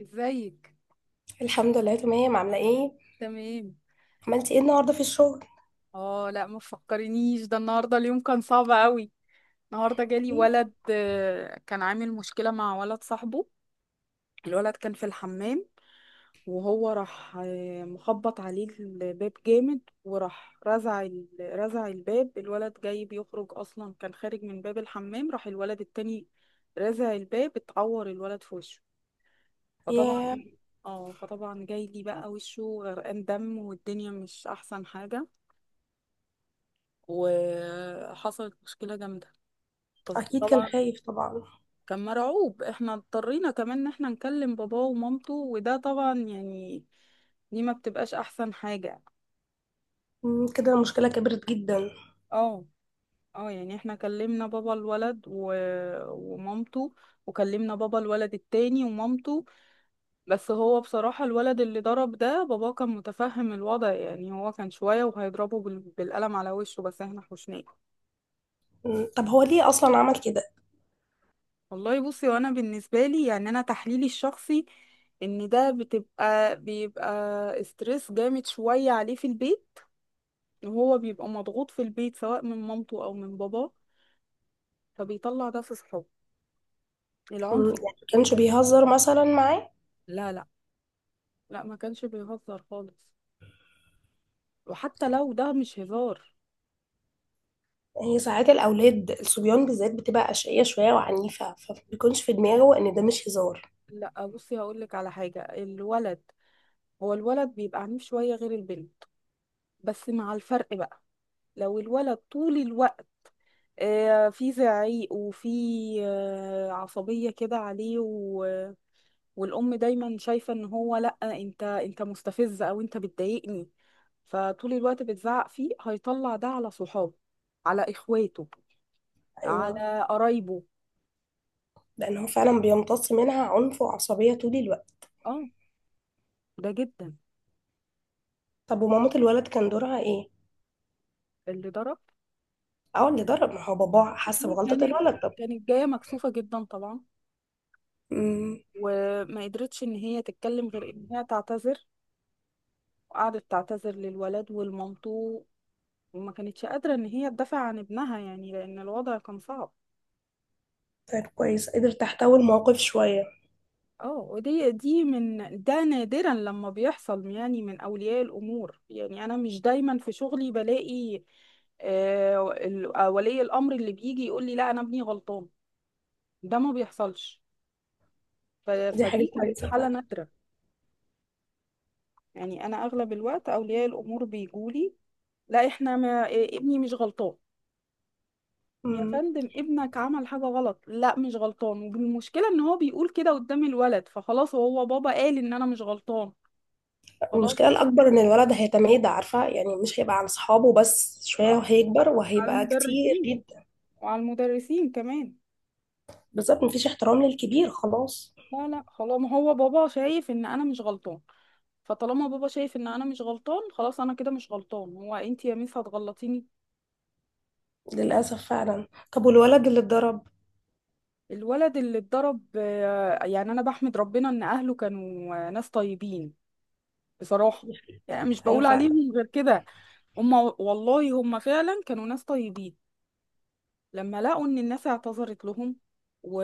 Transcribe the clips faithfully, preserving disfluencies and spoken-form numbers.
ازيك؟ الحمد لله تمام. عاملة ايه؟ تمام. عملتي ايه النهاردة في الشغل؟ اه لا ما تفكرنيش، ده النهارده اليوم كان صعب قوي. النهارده جالي إيه؟ ولد آه، كان عامل مشكله مع ولد صاحبه. الولد كان في الحمام، وهو راح آه، مخبط عليه الباب جامد، وراح رزع ال- رزع الباب. الولد جاي بيخرج اصلا، كان خارج من باب الحمام، راح الولد التاني رزع الباب، اتعور الولد في وشه. فطبعا، ياه. اه فطبعا جاي لي بقى وشه غرقان دم والدنيا مش احسن حاجة، وحصلت مشكلة جامدة. طز- أكيد كان طبعا خايف طبعا. كان مرعوب. احنا اضطرينا كمان ان احنا نكلم باباه ومامته، وده طبعا يعني دي ما بتبقاش احسن حاجة. مم، كده المشكلة كبرت جدا. اه. اه يعني احنا كلمنا بابا الولد و... ومامته، وكلمنا بابا الولد التاني ومامته. بس هو بصراحة الولد اللي ضرب ده، باباه كان متفهم الوضع، يعني هو كان شوية وهيضربه بال... بالقلم على وشه، بس احنا حوشناه. مم، طب هو ليه أصلا عمل كده؟ والله بصي، وانا بالنسبه لي يعني انا تحليلي الشخصي ان ده بتبقى بيبقى استرس جامد شويه عليه في البيت، وهو بيبقى مضغوط في البيت سواء من مامته او من باباه، فبيطلع ده في صحابه، مم، العنف. يعني كانش الجدال- بيهزر مثلا معاه؟ لا لا. لا ما كانش بيهزر خالص، وحتى لو ده مش هزار. هي ساعات الأولاد الصبيان بالذات بتبقى أشقية شوية وعنيفة، فمبيكونش في دماغه إن ده مش هزار. لا بصي هقول لك على حاجه. الولد، هو الولد بيبقى عنيف شويه غير البنت، بس مع الفرق بقى. لو الولد طول الوقت آه، في زعيق، وفي آه، عصبية كده عليه و... والأم دايما شايفة ان هو لأ، انت انت مستفز او انت بتضايقني، فطول الوقت بتزعق فيه، هيطلع ده على صحابه، على اخواته، أيوه، على قرايبه. لأن هو فعلا بيمتص منها عنف وعصبية طول الوقت. اه، ده جدا. طب ومامة الولد كان دورها ايه؟ اللي ضرب، اه اللي ضرب، ما هو باباه حس دي بغلطة كانت، الولد. طب. كانت جاية مكسوفة جدا طبعا، مم، وما قدرتش ان هي تتكلم غير ان هي تعتذر، وقعدت تعتذر للولد ولمامته، وما كانتش قادرة ان هي تدافع عن ابنها، يعني لان الوضع كان صعب. طيب كويس، قدر تحتوي الموقف شوية. اه ودي، دي من ده نادرا لما بيحصل يعني من اولياء الامور، يعني انا مش دايما في شغلي بلاقي آه، ال- آه، ولي الامر اللي بيجي يقول لي لا انا ابني غلطان. ده ما بيحصلش. ف- دي حاجة فدي كانت كويسة حالة فعلا. نادرة. يعني انا اغلب الوقت اولياء الامور بيجولي لا احنا ما إيه، ابني مش غلطان. يا مم. فندم، ابنك عمل حاجة غلط. لا مش غلطان. والمشكلة ان هو بيقول كده قدام الولد، فخلاص هو بابا قال ان انا مش غلطان. خلاص. المشكلة الأكبر إن الولد هيتميد، عارفة يعني؟ مش هيبقى عن صحابه بس، شوية آه. وهيكبر على وهيبقى كتير المدرسين، جدا. وعلى المدرسين كمان. بالظبط، مفيش احترام للكبير خلاص. لا لا خلاص، ما هو بابا شايف ان انا مش غلطان، فطالما بابا شايف ان انا مش غلطان، خلاص انا كده مش غلطان، هو انت يا ميس هتغلطيني؟ للأسف فعلا. طب والولد اللي اتضرب؟ الولد اللي اتضرب آه، يعني انا بحمد ربنا ان اهله كانوا آه، ناس طيبين بصراحة، يعني مش أيوة بقول فعلا. عليهم غير كده. هما والله هما فعلا كانوا ناس طيبين، لما لقوا ان الناس اعتذرت لهم و...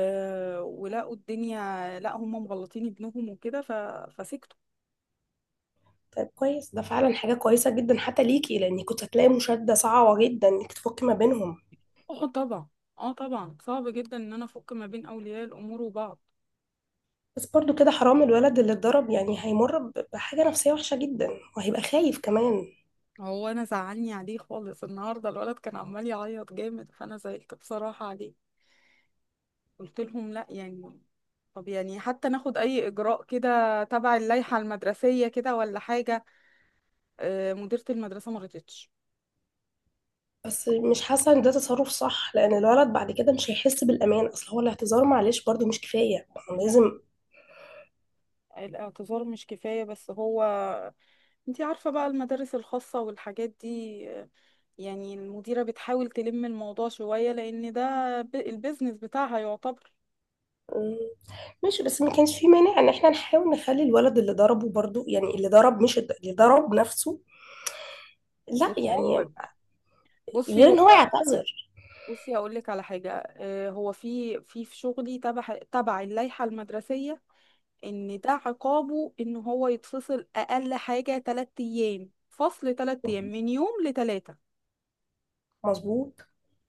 ولقوا الدنيا، لا هما مغلطين ابنهم وكده، ف... فسكتوا. طيب كويس، ده فعلا حاجة كويسة جدا حتى ليكي، لأن كنت هتلاقي مشادة صعبة جدا إنك تفكي ما بينهم. اه طبعا. اه طبعا صعب جدا ان انا افك ما بين اولياء الامور وبعض. بس برضو كده حرام الولد اللي اتضرب، يعني هيمر ب- بحاجة نفسية وحشة جدا، وهيبقى خايف كمان. هو انا زعلني عليه خالص النهارده، الولد كان عمال يعيط جامد، فانا زعلت بصراحه عليه. قلت لهم لا يعني، طب يعني حتى ناخد اي اجراء كده تبع اللائحه المدرسيه كده ولا حاجه. آه، مديره المدرسه ما رضتش. بس مش حاسه ان ده تصرف صح، لان الولد بعد كده مش هيحس بالامان، اصل هو الاعتذار معلش برضه مش كفايه، ما هو لا لازم. الاعتذار مش كفاية، بس هو، انتي عارفة بقى المدارس الخاصة والحاجات دي، يعني المديرة بتحاول تلم الموضوع شوية لأن ده ب- البيزنس بتاعها يعتبر. مم، ماشي، بس ما كانش في مانع ان احنا نحاول نخلي الولد اللي ضربه برضه، يعني اللي ضرب، مش الد- اللي ضرب نفسه. لا الموقف، يعني، بصي غير ان هو، هو يعتذر. بصي هقول لك على حاجة. آه، هو في في في شغلي تبع تبع اللائحة المدرسية، إن ده عقابه إن هو يتفصل أقل حاجة تلات أيام. فصل تلات أيام من يوم لتلاتة. مظبوط.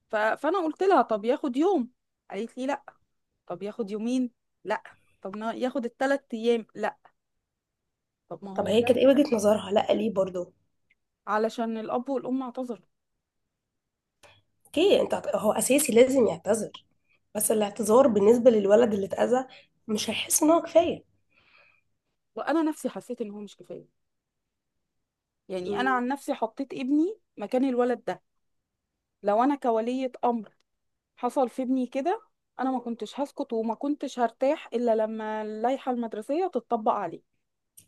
ف- فأنا قلت لها طب ياخد يوم. قالت لي لا. طب ياخد يومين. لا. طب ما ياخد الثلاث ايام. لا. طب ما طب هو هي ده كانت ايه كده وجهه نظرها؟ لا ليه برضه؟ علشان الاب والام اعتذروا. اوكي، انت هت- هو اساسي لازم يعتذر، بس الاعتذار بالنسبه للولد اللي اتاذى مش هيحس ان هو كفايه. وانا نفسي حسيت ان هو مش كفايه. يعني انا عن نفسي حطيت ابني مكان الولد ده، لو انا كولية امر حصل في ابني كده، انا ما كنتش هسكت وما كنتش هرتاح الا لما اللائحه المدرسيه تتطبق عليه.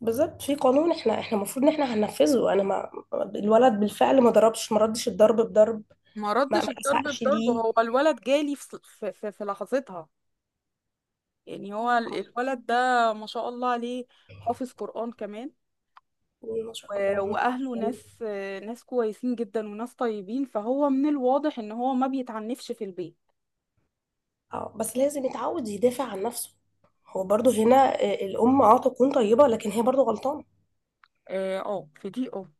بالظبط، في قانون احنا احنا المفروض ان احنا هننفذه. انا ما، الولد بالفعل ما ضربش، ما ردش الضرب بضرب. ما ما ردش ما الضرب اسقش بضرب. ليه؟ هو الولد جالي في في, في, في لحظتها. يعني هو ال- الولد ده ما شاء الله عليه، حافظ قرآن كمان. ما شاء الله، و- عمره ما واهله كان. ناس، ناس كويسين جدا وناس طيبين، فهو من الواضح ان هو ما بيتعنفش في البيت. اه بس لازم يتعود يدافع عن نفسه. هو برضه هنا، آه، الام اه تكون طيبه، لكن هي برضه غلطانه. اه. آه، في دي اه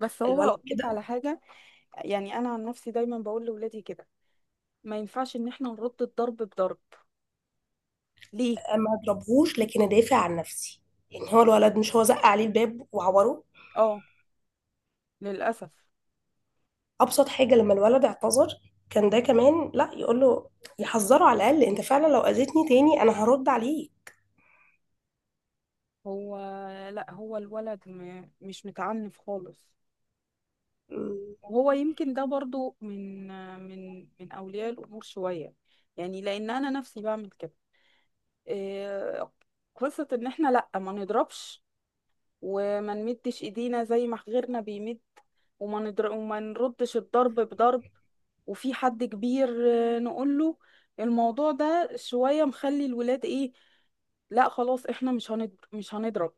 بس هو الولد هقولك كده، على حاجة، يعني انا عن نفسي دايما بقول لاولادي كده ما ينفعش ان احنا نرد الضرب بضرب. ليه؟ آه، ما اضربهوش، لكن ادافع عن نفسي. يعني هو الولد، مش هو زق عليه الباب وعوره؟ اه للاسف. ابسط حاجه لما الولد اعتذر كان ده كمان، لا يقول له، يحذره على الاقل، انت فعلا لو اذيتني تاني انا هرد عليك. هو لا، هو الولد م... مش متعنف خالص، وهو يمكن ده برضو من من من اولياء الامور شوية، يعني لان انا نفسي بعمل كده. إيه، قصة ان احنا لا ما نضربش، وما نمدش ايدينا زي ما غيرنا بيمد، وما ندر... وما نردش الضرب بضرب. وفي حد كبير آه، نقول له الموضوع ده شوية مخلي الولاد ايه، لا خلاص احنا مش هنضرب، مش هنضرب.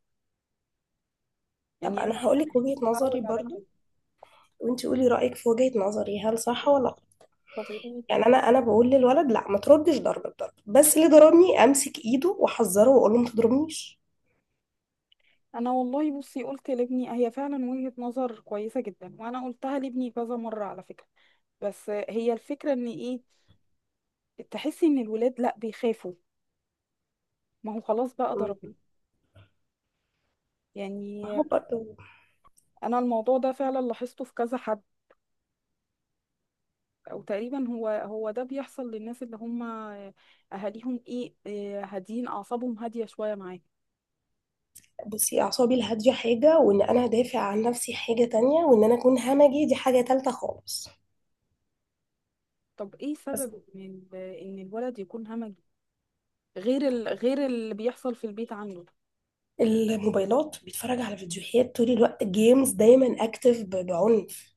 طب يعني انا انا هقول لك انا وجهة اتعود نظري على كده. برضو، وانت قولي رأيك في وجهة نظري، هل صح ولا غلط؟ طب وايه؟ يعني انا انا بقول للولد لا ما تردش ضرب الضرب، بس اللي ضربني امسك ايده واحذره واقول له ما تضربنيش. انا والله بصي قلت لابني هي فعلا وجهة نظر كويسة جدا، وانا قلتها لابني كذا مرة على فكرة، بس هي الفكرة ان ايه، تحسي ان الولاد لا بيخافوا، ما هو خلاص بقى ضربني. م- ما يعني هو برضو، انا الموضوع ده فعلا لاحظته في كذا حد، او تقريبا هو هو ده بيحصل للناس اللي هم اهاليهم ايه إيه هادين اعصابهم، هاديه شويه معاك. بصي اعصابي الهادية حاجة، وان انا ادافع عن نفسي حاجة تانية، وان انا اكون همجي دي حاجة تالتة خالص. طب ايه بس سبب ان ال- ان الولد يكون همجي، غير ال... غير اللي بيحصل في البيت عنده؟ الموبايلات، بيتفرج على فيديوهات طول الوقت، جيمز دايما اكتف ب- بعنف.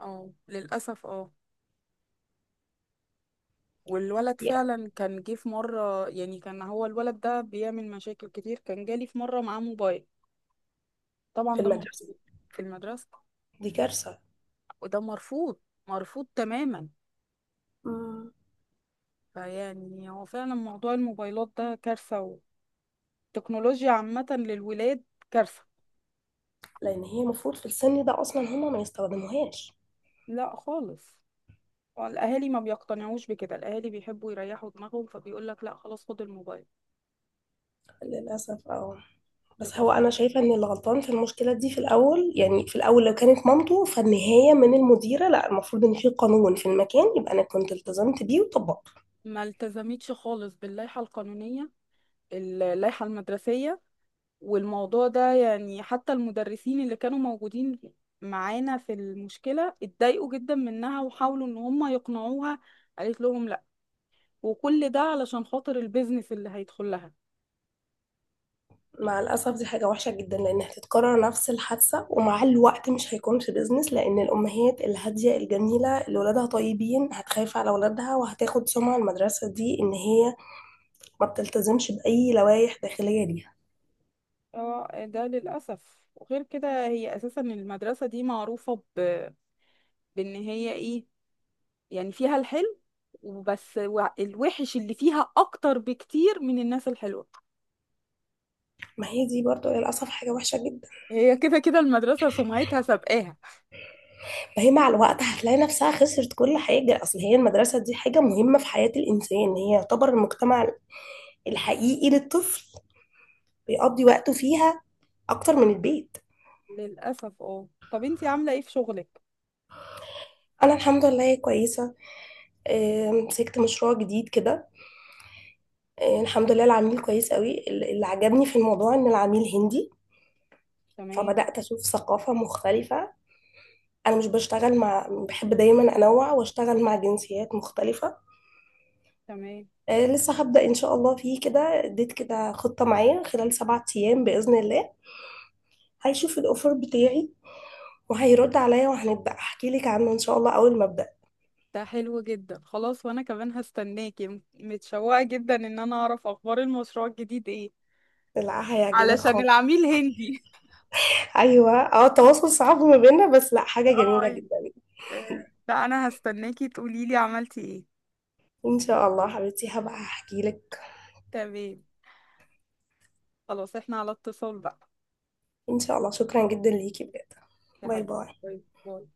اه للأسف اه. والولد يعني فعلا كان جه في مرة، يعني كان هو الولد ده بيعمل مشاكل كتير، كان جالي في مرة معاه موبايل. طبعا في ده المدرسة. مرفوض. في المدرسة؟ دي كارثة. وده مرفوض، مرفوض تماما. م. فيعني هو فعلا موضوع الموبايلات ده كارثة، والتكنولوجيا عامة للولاد كارثة. لان هي المفروض في السن ده اصلا هما ما يستخدموهاش. لا خالص. الأهالي ما بيقتنعوش بكده، الأهالي بيحبوا يريحوا دماغهم فبيقول لك لا خلاص خد الموبايل. للأسف اه. بس تبقى هو صار أنا شايفة إن اللي غلطان في المشكلة دي في الأول، يعني في الأول لو كانت مامته فالنهاية، من المديرة. لا، المفروض إن في قانون في المكان يبقى أنا كنت التزمت بيه وطبقته. ما التزمتش خالص باللائحة القانونية، اللائحة المدرسية. والموضوع ده يعني حتى المدرسين اللي كانوا موجودين معانا في المشكلة اتضايقوا جدا منها، وحاولوا ان هم يقنعوها، قالت لهم لا، وكل ده علشان خاطر البيزنس اللي هيدخل لها. مع الأسف دي حاجة وحشة جدا، لأن هتتكرر نفس الحادثة، ومع الوقت مش هيكون في بيزنس، لأن الأمهات الهادية الجميلة اللي ولادها طيبين هتخاف على ولادها، وهتاخد سمعة المدرسة دي إن هي ما بتلتزمش بأي لوائح داخلية ليها. اه ده للأسف. وغير كده هي أساسا المدرسة دي معروفة ب... بإن هي إيه، يعني فيها الحلو وبس، و- الوحش اللي فيها أكتر بكتير من الناس الحلوة. ما هي دي برضو للأسف حاجة وحشة جدا. هي كده كده المدرسة سمعتها سابقاها. فهي مع الوقت هتلاقي نفسها خسرت كل حاجة، أصل هي المدرسة دي حاجة مهمة في حياة الإنسان، هي يعتبر المجتمع الحقيقي للطفل، بيقضي وقته فيها أكتر من البيت. للأسف اه. طب انتي عاملة ايه في شغلك؟ أنا الحمد لله كويسة. آه، مسكت مشروع جديد كده. آه، الحمد لله العميل كويس قوي. ال- اللي عجبني في الموضوع إن العميل هندي، تمام. فبدأت أشوف ثقافة مختلفة. أنا مش بشتغل مع، بحب دايما أنوع وأشتغل مع جنسيات مختلفة. تمام. آه، لسه هبدأ إن شاء الله فيه كده، اديت كده خطة معايا خلال سبعة أيام بإذن الله. هيشوف الاوفر بتاعي وهيرد عليا، وهنبدا احكي لك عنه ان شاء الله اول ما ابدا. ده حلو جدا، خلاص. وأنا كمان هستناكي، م- متشوقة جدا إن أنا أعرف أخبار المشروع الجديد ايه، لا هيعجبك علشان خالص. العميل هندي. ايوه اه، التواصل صعب ما بيننا، بس لا حاجه جميله اه. جدا. آه، لا أنا هستناكي تقوليلي عملتي ايه. ان شاء الله حبيبتي هبقى احكي لك. تمام. خلاص احنا على اتصال بقى. ان شاء الله، شكرا جدا ليكي بجد. يا باي حبيبي. باي باي باي.